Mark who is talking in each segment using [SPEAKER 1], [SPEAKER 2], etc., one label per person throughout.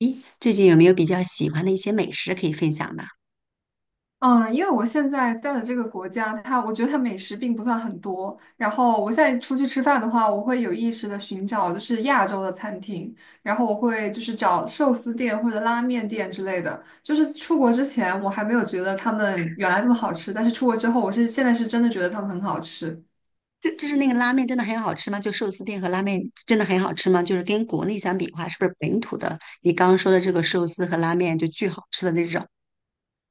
[SPEAKER 1] 咦，最近有没有比较喜欢的一些美食可以分享的？
[SPEAKER 2] 嗯，因为我现在在的这个国家，它我觉得它美食并不算很多。然后我现在出去吃饭的话，我会有意识的寻找就是亚洲的餐厅，然后我会就是找寿司店或者拉面店之类的。就是出国之前我还没有觉得他们原来这么好吃，但是出国之后，我是现在是真的觉得他们很好吃。
[SPEAKER 1] 就是那个拉面真的很好吃吗？就寿司店和拉面真的很好吃吗？就是跟国内相比的话，是不是本土的你刚刚说的这个寿司和拉面就巨好吃的那种？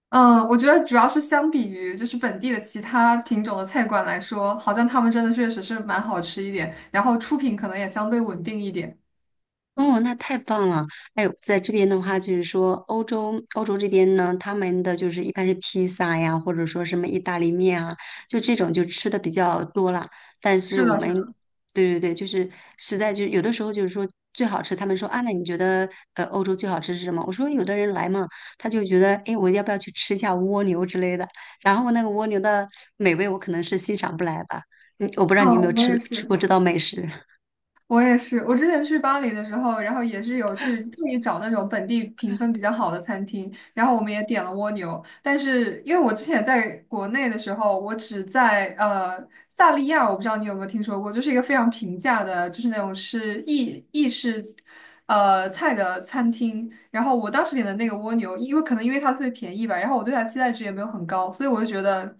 [SPEAKER 2] 嗯，我觉得主要是相比于就是本地的其他品种的菜馆来说，好像他们真的确实是蛮好吃一点，然后出品可能也相对稳定一点。
[SPEAKER 1] 哦，那太棒了！哎呦，在这边的话，就是说欧洲，欧洲这边呢，他们的就是一般是披萨呀，或者说什么意大利面啊，就这种就吃的比较多了。但是
[SPEAKER 2] 是
[SPEAKER 1] 我
[SPEAKER 2] 的，是
[SPEAKER 1] 们，
[SPEAKER 2] 的。
[SPEAKER 1] 对对对，就是实在就有的时候就是说最好吃，他们说啊，那你觉得欧洲最好吃是什么？我说有的人来嘛，他就觉得哎，我要不要去吃一下蜗牛之类的？然后那个蜗牛的美味，我可能是欣赏不来吧。嗯，我不知道你有没
[SPEAKER 2] 哦，
[SPEAKER 1] 有
[SPEAKER 2] 我
[SPEAKER 1] 吃
[SPEAKER 2] 也
[SPEAKER 1] 吃过
[SPEAKER 2] 是。
[SPEAKER 1] 这道美食。
[SPEAKER 2] 我也是，我之前去巴黎的时候，然后也是有去特意找那种本地评分比较好的餐厅，然后我们也点了蜗牛，但是因为我之前在国内的时候，我只在萨利亚，我不知道你有没有听说过，就是一个非常平价的，就是那种是意式菜的餐厅，然后我当时点的那个蜗牛，因为可能因为它特别便宜吧，然后我对它期待值也没有很高，所以我就觉得。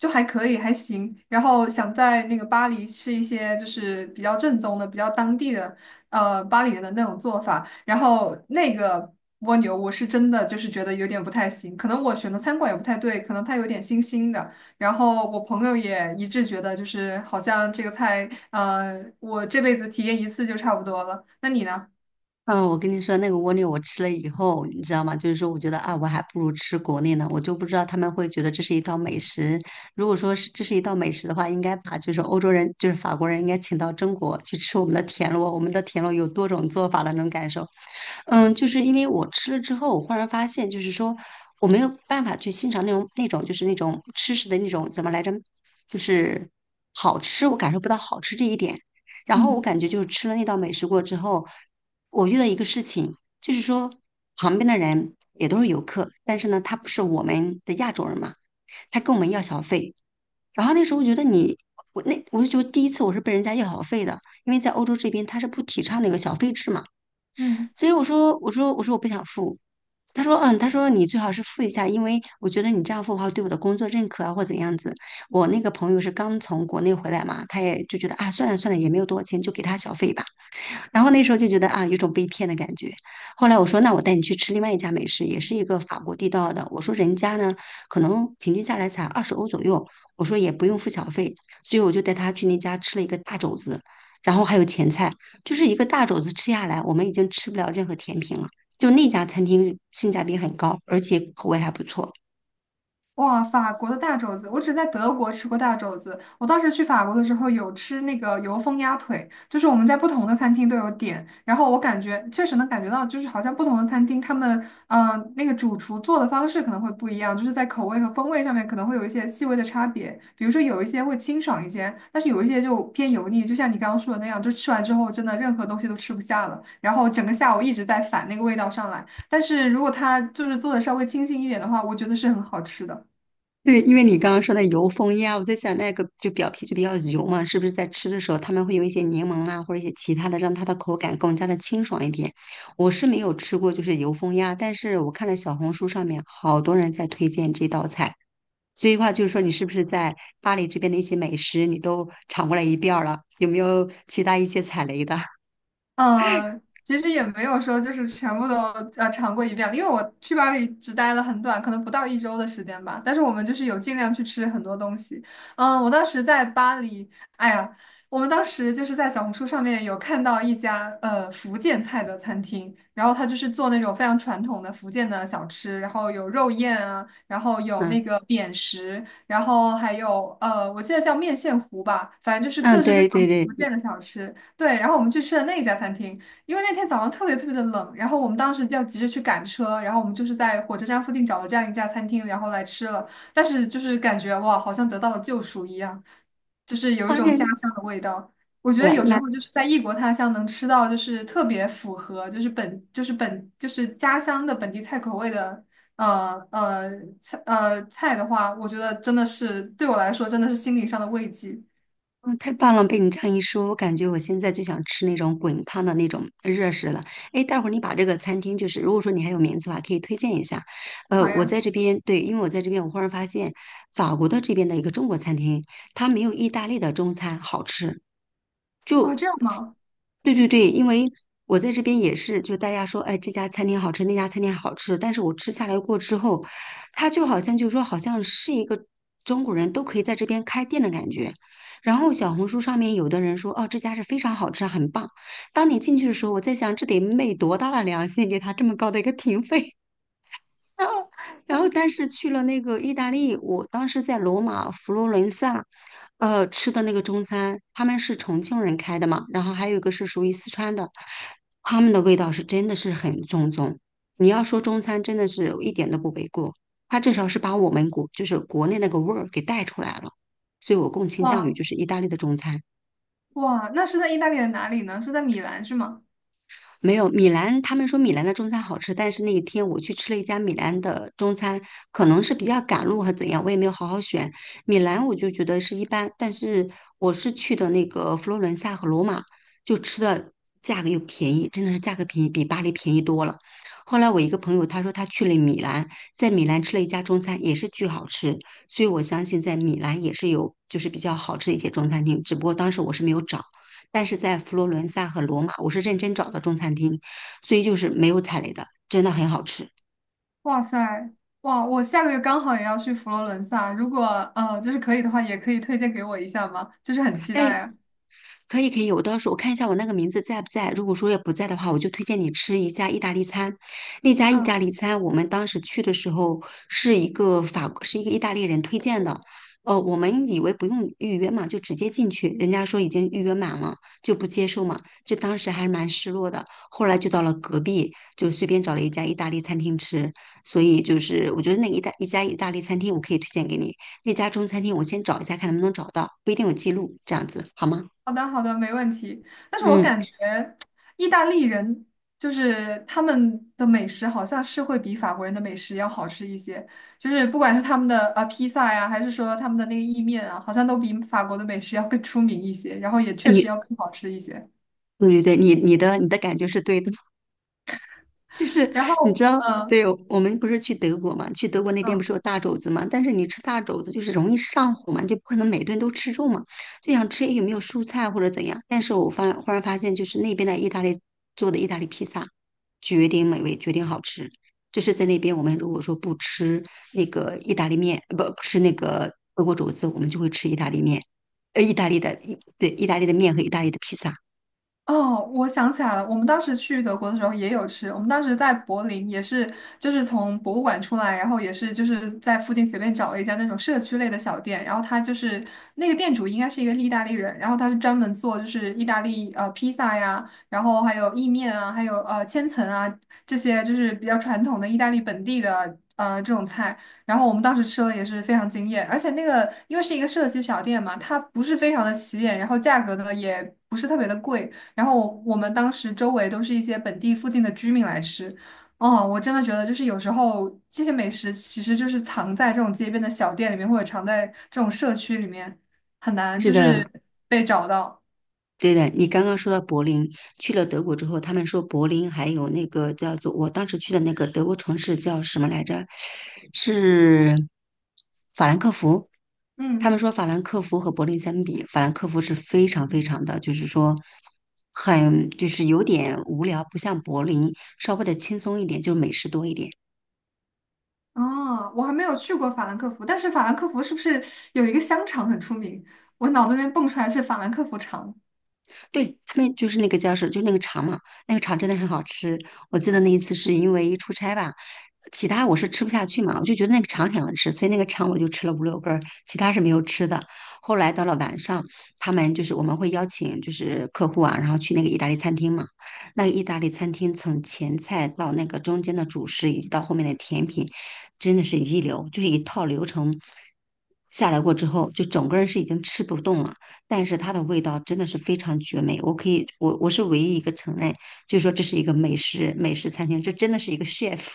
[SPEAKER 2] 就还可以，还行。然后想在那个巴黎吃一些就是比较正宗的、比较当地的，巴黎人的那种做法。然后那个蜗牛，我是真的就是觉得有点不太行，可能我选的餐馆也不太对，可能它有点腥腥的。然后我朋友也一致觉得，就是好像这个菜，我这辈子体验一次就差不多了。那你呢？
[SPEAKER 1] 嗯，我跟你说，那个蜗牛我吃了以后，你知道吗？就是说，我觉得啊，我还不如吃国内呢。我就不知道他们会觉得这是一道美食。如果说是这是一道美食的话，应该把就是欧洲人，就是法国人，应该请到中国去吃我们的田螺。我们的田螺有多种做法的，能感受。嗯，就是因为我吃了之后，我忽然发现，就是说我没有办法去欣赏那种就是那种吃食的那种怎么来着，就是好吃，我感受不到好吃这一点。然后我
[SPEAKER 2] 嗯
[SPEAKER 1] 感觉就是吃了那道美食过之后，我遇到一个事情，就是说旁边的人也都是游客，但是呢，他不是我们的亚洲人嘛，他跟我们要小费。然后那时候我觉得你，我那我就觉得第一次我是被人家要小费的，因为在欧洲这边他是不提倡那个小费制嘛，
[SPEAKER 2] 嗯。
[SPEAKER 1] 所以我说我不想付。他说，嗯，他说你最好是付一下，因为我觉得你这样付的话，对我的工作认可啊，或怎样子。我那个朋友是刚从国内回来嘛，他也就觉得啊，算了算了，也没有多少钱，就给他小费吧。然后那时候就觉得啊，有一种被骗的感觉。后来我说，那我带你去吃另外一家美食，也是一个法国地道的。我说人家呢，可能平均下来才20欧左右，我说也不用付小费，所以我就带他去那家吃了一个大肘子，然后还有前菜，就是一个大肘子吃下来，我们已经吃不了任何甜品了。就那家餐厅性价比很高，而且口味还不错。
[SPEAKER 2] 哇，法国的大肘子，我只在德国吃过大肘子。我当时去法国的时候有吃那个油封鸭腿，就是我们在不同的餐厅都有点，然后我感觉确实能感觉到，就是好像不同的餐厅他们，那个主厨做的方式可能会不一样，就是在口味和风味上面可能会有一些细微的差别。比如说有一些会清爽一些，但是有一些就偏油腻，就像你刚刚说的那样，就吃完之后真的任何东西都吃不下了，然后整个下午一直在反那个味道上来。但是如果它就是做的稍微清新一点的话，我觉得是很好吃的。
[SPEAKER 1] 对，因为你刚刚说的油封鸭，我在想那个就表皮就比较油嘛，是不是在吃的时候他们会有一些柠檬啊，或者一些其他的，让它的口感更加的清爽一点？我是没有吃过就是油封鸭，但是我看了小红书上面好多人在推荐这道菜，所以话就是说你是不是在巴黎这边的一些美食你都尝过来一遍儿了？有没有其他一些踩雷的？
[SPEAKER 2] 嗯，其实也没有说就是全部都尝过一遍了，因为我去巴黎只待了很短，可能不到一周的时间吧。但是我们就是有尽量去吃很多东西。嗯，我当时在巴黎，哎呀，我们当时就是在小红书上面有看到一家福建菜的餐厅，然后他就是做那种非常传统的福建的小吃，然后有肉燕啊，然后有
[SPEAKER 1] 嗯
[SPEAKER 2] 那个扁食，然后还有我记得叫面线糊吧，反正就是各
[SPEAKER 1] 嗯，
[SPEAKER 2] 式各
[SPEAKER 1] 对对
[SPEAKER 2] 样福
[SPEAKER 1] 对，
[SPEAKER 2] 建的小吃。对，然后我们去吃了那一家餐厅，因为那天早上特别特别的冷，然后我们当时要急着去赶车，然后我们就是在火车站附近找了这样一家餐厅，然后来吃了，但是就是感觉哇，好像得到了救赎一样，就是有一
[SPEAKER 1] 发
[SPEAKER 2] 种
[SPEAKER 1] 现
[SPEAKER 2] 家乡的味道。我觉得
[SPEAKER 1] 对，
[SPEAKER 2] 有时
[SPEAKER 1] 那
[SPEAKER 2] 候就是在异国他乡能吃到就是特别符合就是家乡的本地菜口味的呃呃菜的话，我觉得真的是对我来说真的是心理上的慰藉。
[SPEAKER 1] 嗯，太棒了！被你这样一说，我感觉我现在就想吃那种滚烫的那种热食了。哎，待会儿你把这个餐厅，就是如果说你还有名字的话，可以推荐一下。
[SPEAKER 2] 好
[SPEAKER 1] 我
[SPEAKER 2] 呀，
[SPEAKER 1] 在这边，对，因为我在这边，我忽然发现法国的这边的一个中国餐厅，它没有意大利的中餐好吃。
[SPEAKER 2] 哦
[SPEAKER 1] 就
[SPEAKER 2] 这样吗？
[SPEAKER 1] 对对对，因为我在这边也是，就大家说，哎，这家餐厅好吃，那家餐厅好吃，但是我吃下来过之后，它就好像就是说，好像是一个中国人都可以在这边开店的感觉。然后小红书上面有的人说，哦，这家是非常好吃，很棒。当你进去的时候，我在想，这得昧多大的良心，给他这么高的一个评分？然后但是去了那个意大利，我当时在罗马、佛罗伦萨，吃的那个中餐，他们是重庆人开的嘛，然后还有一个是属于四川的，他们的味道是真的是很正宗。你要说中餐，真的是一点都不为过，它至少是把我们国就是国内那个味儿给带出来了，所以我更倾向于
[SPEAKER 2] 哇。
[SPEAKER 1] 就是意大利的中餐。
[SPEAKER 2] 哇，那是在意大利的哪里呢？是在米兰是吗？
[SPEAKER 1] 没有，米兰，他们说米兰的中餐好吃，但是那一天我去吃了一家米兰的中餐，可能是比较赶路还怎样，我也没有好好选。米兰我就觉得是一般，但是我是去的那个佛罗伦萨和罗马，就吃的价格又便宜，真的是价格便宜，比巴黎便宜多了。后来我一个朋友他说他去了米兰，在米兰吃了一家中餐，也是巨好吃，所以我相信在米兰也是有就是比较好吃的一些中餐厅，只不过当时我是没有找。但是在佛罗伦萨和罗马，我是认真找到中餐厅，所以就是没有踩雷的，真的很好吃。
[SPEAKER 2] 哇塞，哇，我下个月刚好也要去佛罗伦萨，如果就是可以的话，也可以推荐给我一下吗？就是很期待
[SPEAKER 1] 但
[SPEAKER 2] 啊。
[SPEAKER 1] 可以可以，我到时候我看一下我那个名字在不在。如果说要不在的话，我就推荐你吃一家意大利餐。那家意大
[SPEAKER 2] 嗯，
[SPEAKER 1] 利餐，我们当时去的时候是一个法，是一个意大利人推荐的。我们以为不用预约嘛，就直接进去，人家说已经预约满了，就不接受嘛，就当时还是蛮失落的。后来就到了隔壁，就随便找了一家意大利餐厅吃。所以就是我觉得那一大一家意大利餐厅我可以推荐给你，那家中餐厅我先找一下看能不能找到，不一定有记录，这样子好吗？
[SPEAKER 2] 好的好的，没问题。但是我
[SPEAKER 1] 嗯。
[SPEAKER 2] 感觉意大利人就是他们的美食好像是会比法国人的美食要好吃一些，就是不管是他们的披萨呀，还是说他们的那个意面啊，好像都比法国的美食要更出名一些，然后也确实
[SPEAKER 1] 你
[SPEAKER 2] 要更好吃一些。
[SPEAKER 1] 对对对，你的感觉是对的，就是
[SPEAKER 2] 然
[SPEAKER 1] 你知
[SPEAKER 2] 后，
[SPEAKER 1] 道，
[SPEAKER 2] 嗯
[SPEAKER 1] 对我们不是去德国嘛，去德国那边不
[SPEAKER 2] 嗯。
[SPEAKER 1] 是有大肘子嘛，但是你吃大肘子就是容易上火嘛，就不可能每顿都吃肉嘛，就想吃诶有没有蔬菜或者怎样。但是我忽然发现，就是那边的意大利做的意大利披萨，绝顶美味，绝顶好吃。就是在那边，我们如果说不吃那个意大利面，不吃那个德国肘子，我们就会吃意大利面，意大利的，对，意大利的面和意大利的披萨。
[SPEAKER 2] 哦，我想起来了，我们当时去德国的时候也有吃。我们当时在柏林也是，就是从博物馆出来，然后也是就是在附近随便找了一家那种社区类的小店，然后他就是那个店主应该是一个意大利人，然后他是专门做就是意大利披萨呀，然后还有意面啊，还有千层啊这些就是比较传统的意大利本地的这种菜。然后我们当时吃了也是非常惊艳，而且那个因为是一个社区小店嘛，它不是非常的起眼，然后价格呢也不是特别的贵。然后我们当时周围都是一些本地附近的居民来吃。哦，我真的觉得就是有时候这些美食其实就是藏在这种街边的小店里面，或者藏在这种社区里面，很难
[SPEAKER 1] 是
[SPEAKER 2] 就
[SPEAKER 1] 的，
[SPEAKER 2] 是被找到。
[SPEAKER 1] 对的，你刚刚说到柏林，去了德国之后，他们说柏林还有那个叫做我当时去的那个德国城市叫什么来着？是法兰克福。他们
[SPEAKER 2] 嗯，
[SPEAKER 1] 说法兰克福和柏林相比，法兰克福是非常非常的，就是说很就是有点无聊，不像柏林稍微的轻松一点，就是美食多一点。
[SPEAKER 2] 哦，我还没有去过法兰克福，但是法兰克福是不是有一个香肠很出名？我脑子里面蹦出来是法兰克福肠。
[SPEAKER 1] 对，他们就是那个叫什，就是那个肠嘛，那个肠真的很好吃。我记得那一次是因为出差吧，其他我是吃不下去嘛，我就觉得那个肠很好吃，所以那个肠我就吃了5、6根儿，其他是没有吃的。后来到了晚上，他们就是我们会邀请就是客户啊，然后去那个意大利餐厅嘛。那个意大利餐厅从前菜到那个中间的主食，以及到后面的甜品，真的是一流，就是一套流程下来过之后，就整个人是已经吃不动了。但是它的味道真的是非常绝美。我可以，我是唯一一个承认，就是说这是一个美食餐厅，这真的是一个 chef。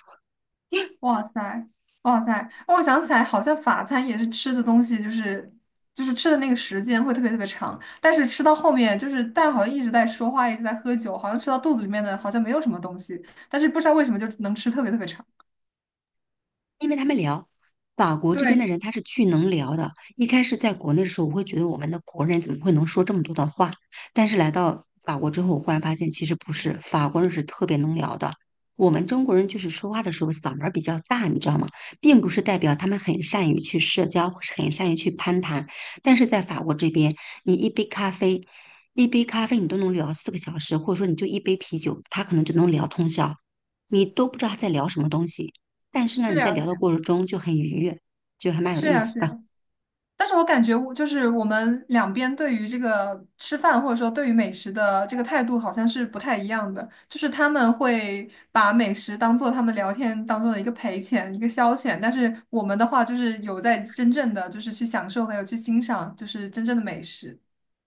[SPEAKER 2] 哇塞，哇塞！我想起来，好像法餐也是吃的东西，就是就是吃的那个时间会特别特别长，但是吃到后面就是但好像一直在说话，一直在喝酒，好像吃到肚子里面的好像没有什么东西，但是不知道为什么就能吃特别特别长。
[SPEAKER 1] 因为他们聊法国这边的
[SPEAKER 2] 对，
[SPEAKER 1] 人，他是巨能聊的。一开始在国内的时候，我会觉得我们的国人怎么会能说这么多的话？但是来到法国之后，我忽然发现其实不是，法国人是特别能聊的。我们中国人就是说话的时候嗓门儿比较大，你知道吗？并不是代表他们很善于去社交，很善于去攀谈。但是在法国这边，你一杯咖啡，一杯咖啡你都能聊4个小时，或者说你就一杯啤酒，他可能就能聊通宵，你都不知道他在聊什么东西。但是呢，
[SPEAKER 2] 是
[SPEAKER 1] 你
[SPEAKER 2] 呀，
[SPEAKER 1] 在聊的过程中就很愉悦，就还蛮有
[SPEAKER 2] 是
[SPEAKER 1] 意
[SPEAKER 2] 呀，
[SPEAKER 1] 思
[SPEAKER 2] 是
[SPEAKER 1] 的。
[SPEAKER 2] 呀。但是我感觉我就是我们两边对于这个吃饭或者说对于美食的这个态度好像是不太一样的，就是他们会把美食当做他们聊天当中的一个陪钱、一个消遣，但是我们的话就是有在真正的就是去享受还有去欣赏就是真正的美食。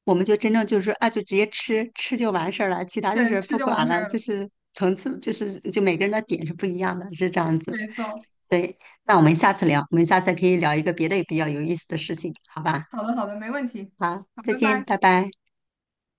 [SPEAKER 1] 我们就真正就是说啊，就直接吃，吃就完事儿了，其他就
[SPEAKER 2] 对，
[SPEAKER 1] 是
[SPEAKER 2] 吃
[SPEAKER 1] 不
[SPEAKER 2] 就
[SPEAKER 1] 管
[SPEAKER 2] 完事
[SPEAKER 1] 了，
[SPEAKER 2] 儿
[SPEAKER 1] 就
[SPEAKER 2] 了，
[SPEAKER 1] 是层次，就是就每个人的点是不一样的，是这样子。
[SPEAKER 2] 没错。
[SPEAKER 1] 对，那我们下次聊，我们下次可以聊一个别的比较有意思的事情，好吧？
[SPEAKER 2] 好的，好的，没问题。
[SPEAKER 1] 好，
[SPEAKER 2] 好，
[SPEAKER 1] 再
[SPEAKER 2] 拜
[SPEAKER 1] 见，
[SPEAKER 2] 拜。
[SPEAKER 1] 拜拜。